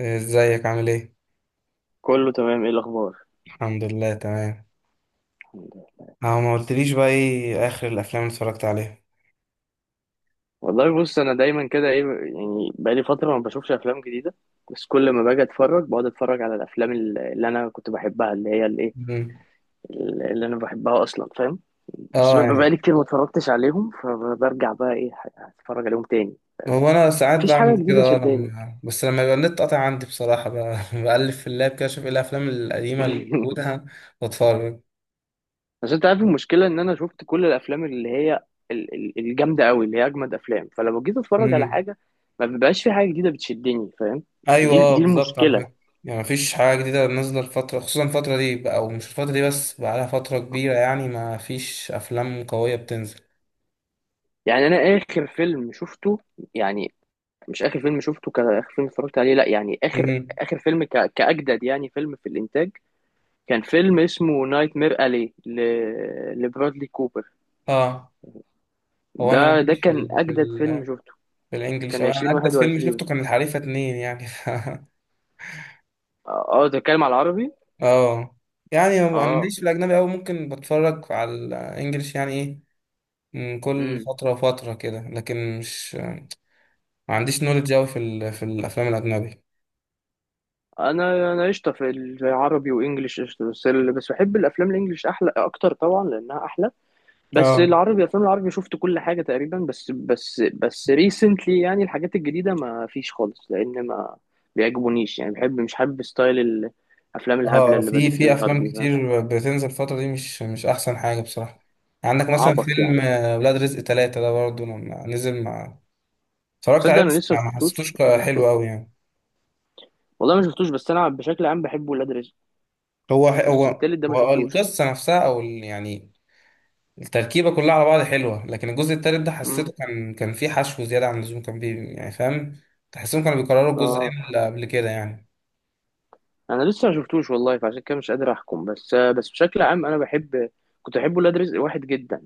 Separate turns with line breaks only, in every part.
ازيك عامل ايه؟
كله تمام، ايه الاخبار؟
الحمد لله تمام.
الحمد لله.
اه، ما قلتليش بقى ايه اخر الافلام اللي اتفرجت عليها؟
والله، بص، انا دايما كده ايه. يعني بقالي فتره ما بشوفش افلام جديده. بس كل ما باجي اتفرج بقعد اتفرج على الافلام اللي انا كنت بحبها، اللي هي الايه،
مم.
اللي انا بحبها اصلا، فاهم؟ بس
اه
بيبقى
يعني.
بقالي كتير ما اتفرجتش عليهم، فبرجع بقى ايه، اتفرج عليهم تاني.
هو انا ساعات
مفيش حاجه
بعمل
جديده
كده
شداني.
لما يبقى النت قاطع عندي بصراحة بقى بقلب في اللاب كده اشوف ايه الافلام القديمة اللي موجودة واتفرج.
بس انت عارف المشكله ان انا شفت كل الافلام اللي هي الجامده قوي، اللي هي اجمد افلام، فلما جيت اتفرج على
مم.
حاجه ما بيبقاش في حاجه جديده بتشدني، فاهم؟
ايوه،
دي دي
بالظبط، على
المشكله.
فكرة. يعني مفيش حاجة جديدة نازلة الفترة، خصوصا الفترة دي بقى، او مش الفترة دي بس بقى لها فترة كبيرة، يعني ما فيش افلام قوية بتنزل.
يعني انا اخر فيلم شفته، يعني مش اخر فيلم شفته كاخر فيلم اتفرجت عليه، لا، يعني اخر
مم.
اخر فيلم كاجدد، يعني فيلم في الانتاج. كان فيلم اسمه نايت مير الي لبرادلي كوبر.
اه. هو انا
ده
ماليش في
كان اجدد
في
فيلم شفته.
بالانجلش.
كان
أو انا عدت فيلم
2021.
شفته كان الحريفه اتنين يعني
ده اتكلم على العربي.
اه يعني، هو انا
اه
ماليش في الاجنبي أوي. ممكن بتفرج على الانجليش يعني ايه، من كل
امم
فتره وفتره كده، لكن مش ما عنديش نولج أوي في الافلام الاجنبي.
انا قشطه في العربي وانجليش قشطه، بس بحب الافلام الانجليش احلى اكتر طبعا لانها احلى. بس
اه.
العربي الافلام العربي شفت كل حاجه تقريبا، بس ريسنتلي يعني الحاجات الجديده ما فيش خالص، لان ما بيعجبونيش، يعني بحب مش حابب ستايل الافلام الهبله
اه،
اللي
في
بدات
في
تظهر دي،
افلام
فاهم؟
كتير بتنزل الفتره دي، مش احسن حاجه بصراحه. عندك مثلا
عبط
فيلم
يعني.
ولاد رزق ثلاثة ده برضه لما نزل، مع اتفرجت
تصدق؟
عليه
انا
بس
لسه ما
ما حسيتوش
شفتوش ما
حلو
شفتوش
أوي يعني.
والله ما شفتوش. بس انا بشكل عام بحب ولاد رزق.
هو
بس
هو
التالت ده ما
هو
شفتوش.
القصة نفسها، أو يعني التركيبة كلها على بعض حلوة، لكن الجزء التالت ده
امم
حسيته كان فيه حشو زيادة عن اللزوم، كان يعني، فاهم؟ تحسهم كانوا بيكرروا الجزئين
اه،
اللي قبل كده يعني.
انا لسه ما شفتوش والله، فعشان كده مش قادر احكم، بس بشكل عام انا بحب كنت بحب ولاد رزق واحد جدا.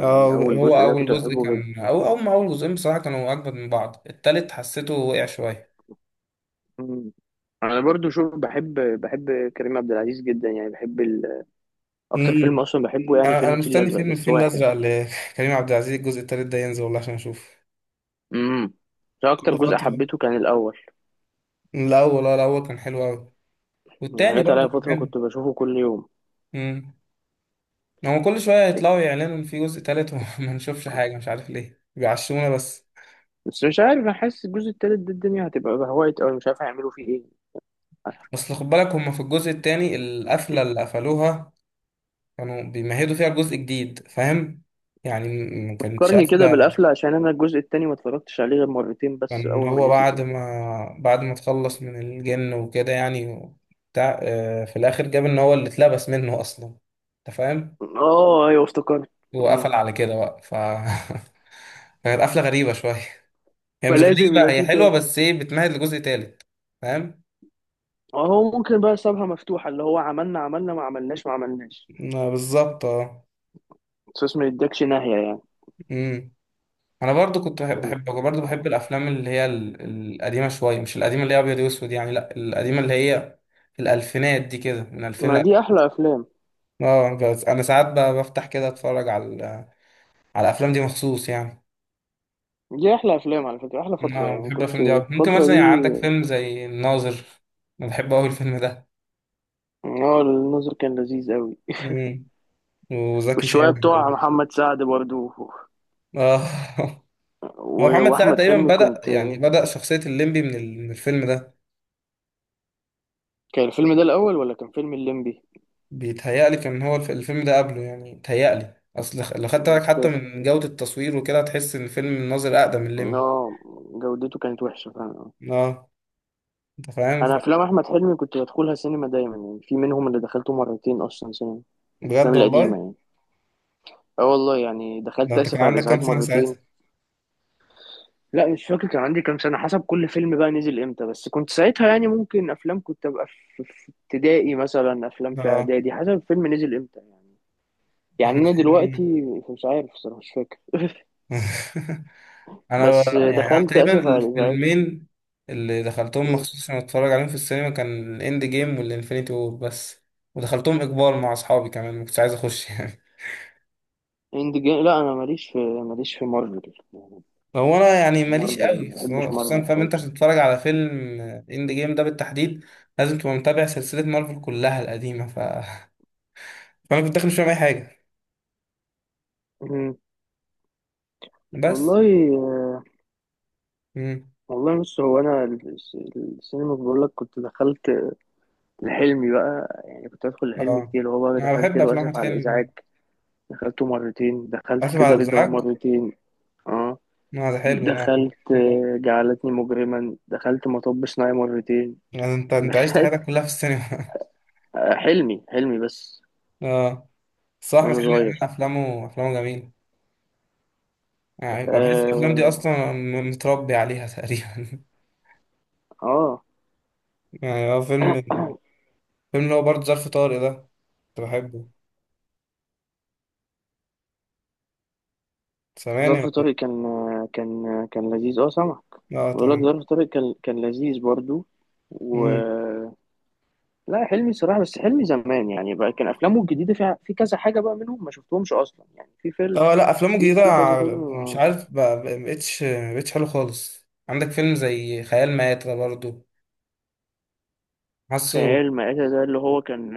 اه،
اول
هو
جزء ده
أول
كنت
جزء
بحبه.
كان أو أول ما أول جزئين بصراحة كانوا أجمد من بعض. التالت حسيته وقع شوية.
مم. انا برضو شوف، بحب كريم عبد العزيز جدا، يعني بحب اكتر فيلم
امم
اصلا بحبه يعني
أنا
فيلم
أنا
الفيل
مستني
الازرق
فيلم
بس
الفيل
واحد.
الأزرق لكريم عبد العزيز الجزء التالت ده ينزل والله عشان أشوف.
امم ده اكتر
كل
جزء
فترة.
حبيته كان الاول.
الأول كان حلو أوي،
يعني
والتاني
جت عليا
برضه كان
فتره
حلو.
كنت بشوفه كل يوم.
امم هو كل شوية يطلعوا يعلنوا إن في جزء تالت، وما نشوفش حاجة، مش عارف ليه بيعشمونا بس.
بس مش عارف، انا حاسس الجزء التالت ده الدنيا هتبقى بهوايت، او مش عارف هيعملوا فيه ايه.
بس خد بالك، هما في الجزء التاني القفلة اللي قفلوها كانوا بيمهدوا فيها الجزء الجديد، فاهم؟ يعني ما كانتش
فكرني كده
قفلة.
بالقفله، عشان انا الجزء التاني ما اتفرجتش عليه غير مرتين بس
كان
اول ما
هو
نزل
بعد
يعني.
ما بعد ما تخلص من الجن وكده يعني، بتاع آه، في الآخر جاب إن هو اللي اتلبس منه أصلا، أنت فاهم؟
اه، ايوه افتكرت. مم.
وقفل على كده بقى كانت قفلة غريبة شوية. هي مش
فلازم
غريبة،
يبقى
هي
فيه
حلوة
تاني.
بس إيه بتمهد لجزء تالت، فاهم؟
هو ممكن بقى سابها مفتوحه، اللي هو عملنا عملنا ما عملناش ما عملناش.
بالظبط، اه.
صوص ما يدكش ناحية يعني.
أمم. انا برضو كنت بحب الافلام اللي هي القديمه شويه، مش القديمه اللي هي ابيض واسود يعني، لا القديمه اللي هي الالفينات دي كده، من 2000 ل
ما دي
2000.
أحلى أفلام.
اه، بس انا ساعات بفتح كده اتفرج على على الافلام دي مخصوص يعني.
دي أحلى أفلام على فكرة، أحلى فترة
اه،
يعني
بحب
كنت
الافلام دي أوي. ممكن
الفترة
مثلا يعني
دي.
عندك فيلم زي الناظر، انا بحب قوي الفيلم ده.
اه، النظر كان لذيذ أوي.
مم. وزكي
والشوية
شان،
بتوع محمد سعد برضو،
اه. هو محمد سعد
وأحمد
تقريبا
حلمي
بدأ
كنت.
يعني بدأ شخصية الليمبي من الفيلم ده.
كان الفيلم ده الأول ولا كان فيلم الليمبي؟
بيتهيألي كان هو الفيلم ده قبله يعني. بيتهيألي اصل لو خدت بالك
مش
حتى
فاكر.
من جودة التصوير وكده، هتحس ان الفيلم الناظر اقدم من الليمبي.
اه، جودته كانت وحشة فعلا.
اه، انت فاهم
أنا أفلام أحمد حلمي كنت بدخلها سينما دايما، يعني في منهم اللي دخلته مرتين أصلا سينما، الأفلام
بجد
القديمة
والله؟
يعني. اه، والله يعني
ده
دخلت
انت كان
آسف على
عندك كام
الإزعاج
سنة
مرتين.
ساعتها؟
لا، مش فاكر كان عندي كام سنة، حسب كل فيلم بقى نزل امتى، بس كنت ساعتها يعني ممكن افلام كنت ابقى في ابتدائي مثلا، افلام في
اه،
اعدادي، حسب الفيلم نزل امتى يعني. يعني
احمد
انا
حلمي.
دلوقتي مش عارف الصراحة، مش فاكر،
انا
بس
ب- يعني انا
دخلت
تقريبا
اسف على الازعاج.
الفيلمين اللي دخلتهم
م.
مخصوص عشان اتفرج عليهم في السينما كان الاند جيم والانفينيتي وور بس. ودخلتهم اجبار مع اصحابي كمان، ما كنتش عايز اخش.
اند جيم، لا انا ماليش في مارفل يعني.
هو انا يعني ماليش
مارفل
قوي،
ما بحبش
خصوصاً
مارفل
فاهم انت،
خالص.
عشان تتفرج على فيلم اند جيم ده بالتحديد، لازم تبقى متابع سلسله مارفل كلها القديمه فانا كنت داخل مش فاهم اي حاجه.
م.
بس.
والله
امم
والله بص، هو انا السينما بقول لك كنت دخلت لحلمي بقى، يعني كنت ادخل لحلمي
اه،
كتير، هو بقى
انا
دخلت
بحب
له
افلام احمد
اسف على
حلمي.
الازعاج. دخلته مرتين، دخلت
اسف على
كده رضا
الازعاج،
مرتين، اه،
ما ده حلو، لا.
دخلت جعلتني مجرما، دخلت مطب صناعي مرتين.
يعني انت انت عشت
دخلت
حياتك كلها في السينما.
حلمي حلمي بس
اه، صح، احمد
وانا
حلمي عمل
صغير.
افلامه جميله. يعني أنا بحس الافلام دي
اه.
اصلا متربي عليها تقريبا.
آه.
يعني هو فيلم اللي هو برضه ظرف طارق ده، كنت بحبه. سامعني
ظرف
ولا
طارق
إيه؟
كان كان كان لذيذ. اه، سامعك.
اه،
بقول لك
تمام.
ظرف طارق كان لذيذ برضو. و
امم
آه، لا حلمي صراحة، بس حلمي زمان يعني، بقى كان أفلامه الجديدة فيها في كذا حاجة بقى منهم ما شفتهمش أصلا، يعني في فيلم،
اه، لا افلامه
في
الجديده،
في كذا فيلم.
مش عارف مبقتش حلو خالص. عندك فيلم زي خيال مآتة برضو، حاسه
خيال مآتة ده اللي هو كان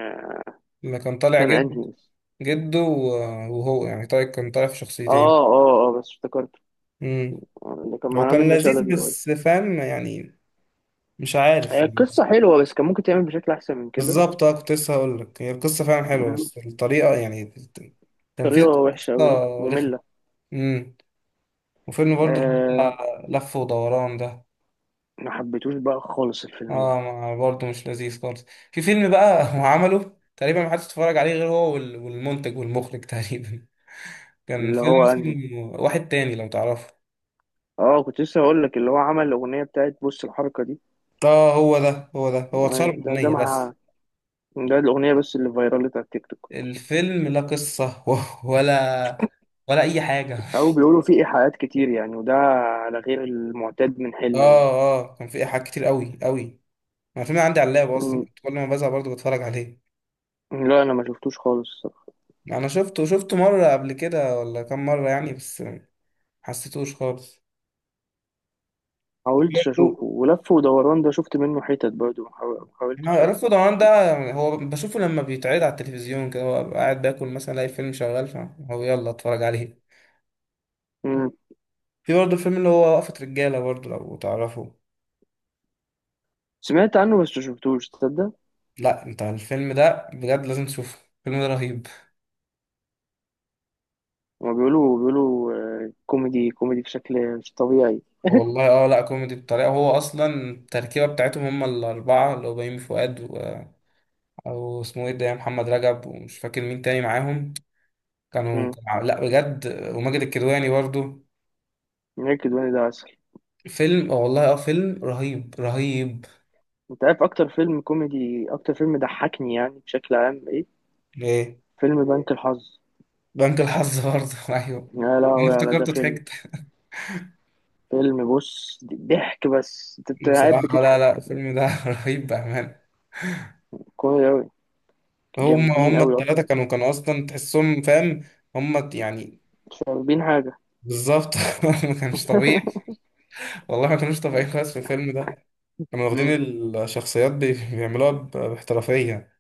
لما كان طالع
كان انهي.
جده وهو يعني، طيب، كان طالع في شخصيتين.
اه، اه، اه، بس افتكرته.
امم
اللي كان
هو
معاه
كان
منة
لذيذ
شلبي باي.
بس فاهم يعني، مش عارف
هي
يعني.
القصة حلوة، بس كان ممكن تعمل بشكل أحسن من كده.
بالظبط اه، كنت لسه هقول لك، هي القصه فعلا حلوه
مم.
بس الطريقه يعني التنفيذ
طريقة
بتاع
وحشة أوي،
القصه رخم.
مملة.
امم وفيلم برضو اللي
آه،
هو لف ودوران ده،
ما حبيتوش بقى خالص الفيلم ده.
اه برضه مش لذيذ خالص. في فيلم بقى هو عمله تقريبا ما حدش اتفرج عليه غير هو والمنتج والمخرج تقريبا. كان
اللي
فيلم
هو أنهي؟
اسمه واحد تاني لو تعرفه.
اه، كنت لسه هقول لك اللي هو عمل الأغنية بتاعت بص الحركة دي.
اه، هو اتشهر
آه، ده
بأغنية بس.
مع ده الأغنية بس اللي فايرالت على التيك توك.
الفيلم لا قصة ولا أي حاجة.
أو بيقولوا فيه إيحاءات كتير يعني، وده على غير المعتاد من حلمي.
اه، اه، كان فيه إيحاءات كتير قوي قوي. أنا الفيلم عندي على اللاب أصلا
مم.
كنت كل ما بزهق برضه بتفرج عليه.
لا، أنا ما شفتوش خالص،
أنا شفته مرة قبل كده ولا كام مرة يعني، بس ما حسيتوش خالص.
حاولتش اشوفه.
برضه
ولف ودوران ده شفت منه حتت برضه، ما حاولتش.
رأس ضمان ده هو بشوفه لما بيتعرض على التلفزيون كده، هو قاعد باكل مثلا الاقي الفيلم شغال، فهو يلا اتفرج عليه.
مم.
في برضه الفيلم اللي هو وقفة رجالة برضه لو تعرفه.
سمعت عنه بس مشفتوش، تصدق؟
لا، انت الفيلم ده بجد لازم تشوفه، الفيلم ده رهيب.
هما بيقولوا كوميدي كوميدي بشكل مش طبيعي.
والله، اه، لا كوميدي بطريقة، هو اصلا التركيبة بتاعتهم، هم الاربعة اللي هو بيومي فؤاد او اسمه ايه ده يا محمد رجب، ومش فاكر مين تاني معاهم، كانوا
مم.
كانوا لا بجد. وماجد الكدواني برضه.
نيكد وين ده عسل.
فيلم، اه والله، اه فيلم رهيب رهيب.
انت عارف اكتر فيلم كوميدي، اكتر فيلم ضحكني يعني بشكل عام ايه؟
ايه،
فيلم بنك الحظ.
بنك الحظ برضه، ايوه،
يا
أنا
لهوي، على ده
افتكرته
فيلم!
ضحكت.
فيلم، بص، ضحك بس انت قاعد
بصراحة لا،
بتضحك.
لا الفيلم ده رهيب بأمانة.
كوميدي اوي.
هم
جامدين
هم
اوي
التلاتة
اصلا،
كانوا أصلا تحسهم فاهم، هم يعني،
مش فاهمين حاجة.
بالظبط. ما كانش طبيعي، والله ما كانوش طبيعيين خالص في الفيلم ده. كانوا واخدين
مم.
الشخصيات بيعملوها باحترافية.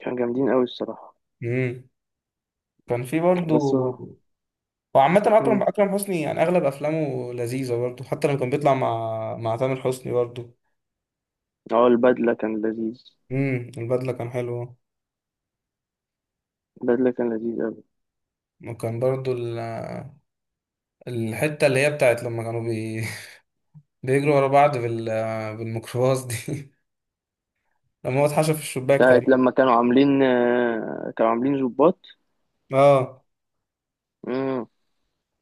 كانوا جامدين اوي الصراحة.
امم كان في
بس
برضه.
هو
وعامة أكرم حسني يعني أغلب أفلامه لذيذة برضه، حتى لما كان بيطلع مع تامر حسني برضه.
اه البدلة كان لذيذ.
البدلة كان حلوه.
البدلة كان لذيذ أوي.
وكان برضه الحتة اللي هي بتاعت لما كانوا بيجروا ورا بعض بالميكروباص دي لما هو اتحشى في الشباك
بتاعت
تقريبا.
لما كانوا عاملين ظباط.
اه،
امم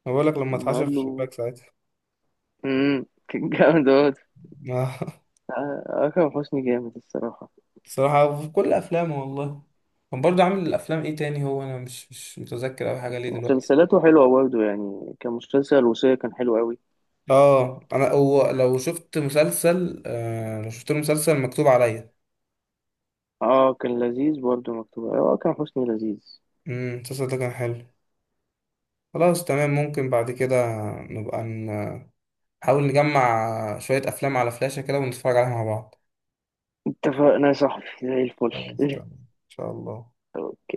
أنا بقول لك، لما
ما
اتحشى
قال
في
له.
الشباك ساعتها.
كان جامد أوي.
آه.
آه، أكرم حسني جامد الصراحة.
بصراحة في كل أفلامه والله. كان برضه عامل الأفلام إيه تاني؟ هو أنا مش متذكر أوي حاجة ليه دلوقتي.
مسلسلاته حلوة برضه، يعني كان مسلسل الوصية كان حلو أوي.
اه، أنا هو لو شفت له مسلسل مكتوب عليا.
اه، كان لذيذ برضه، مكتوب أكرم حسني لذيذ.
المسلسل ده كان حلو. خلاص تمام، ممكن بعد كده نبقى نحاول نجمع شوية أفلام على فلاشة كده ونتفرج عليها مع بعض.
اتفقنا يا صاحبي، زي الفل.
خلاص تمام، ان شاء الله.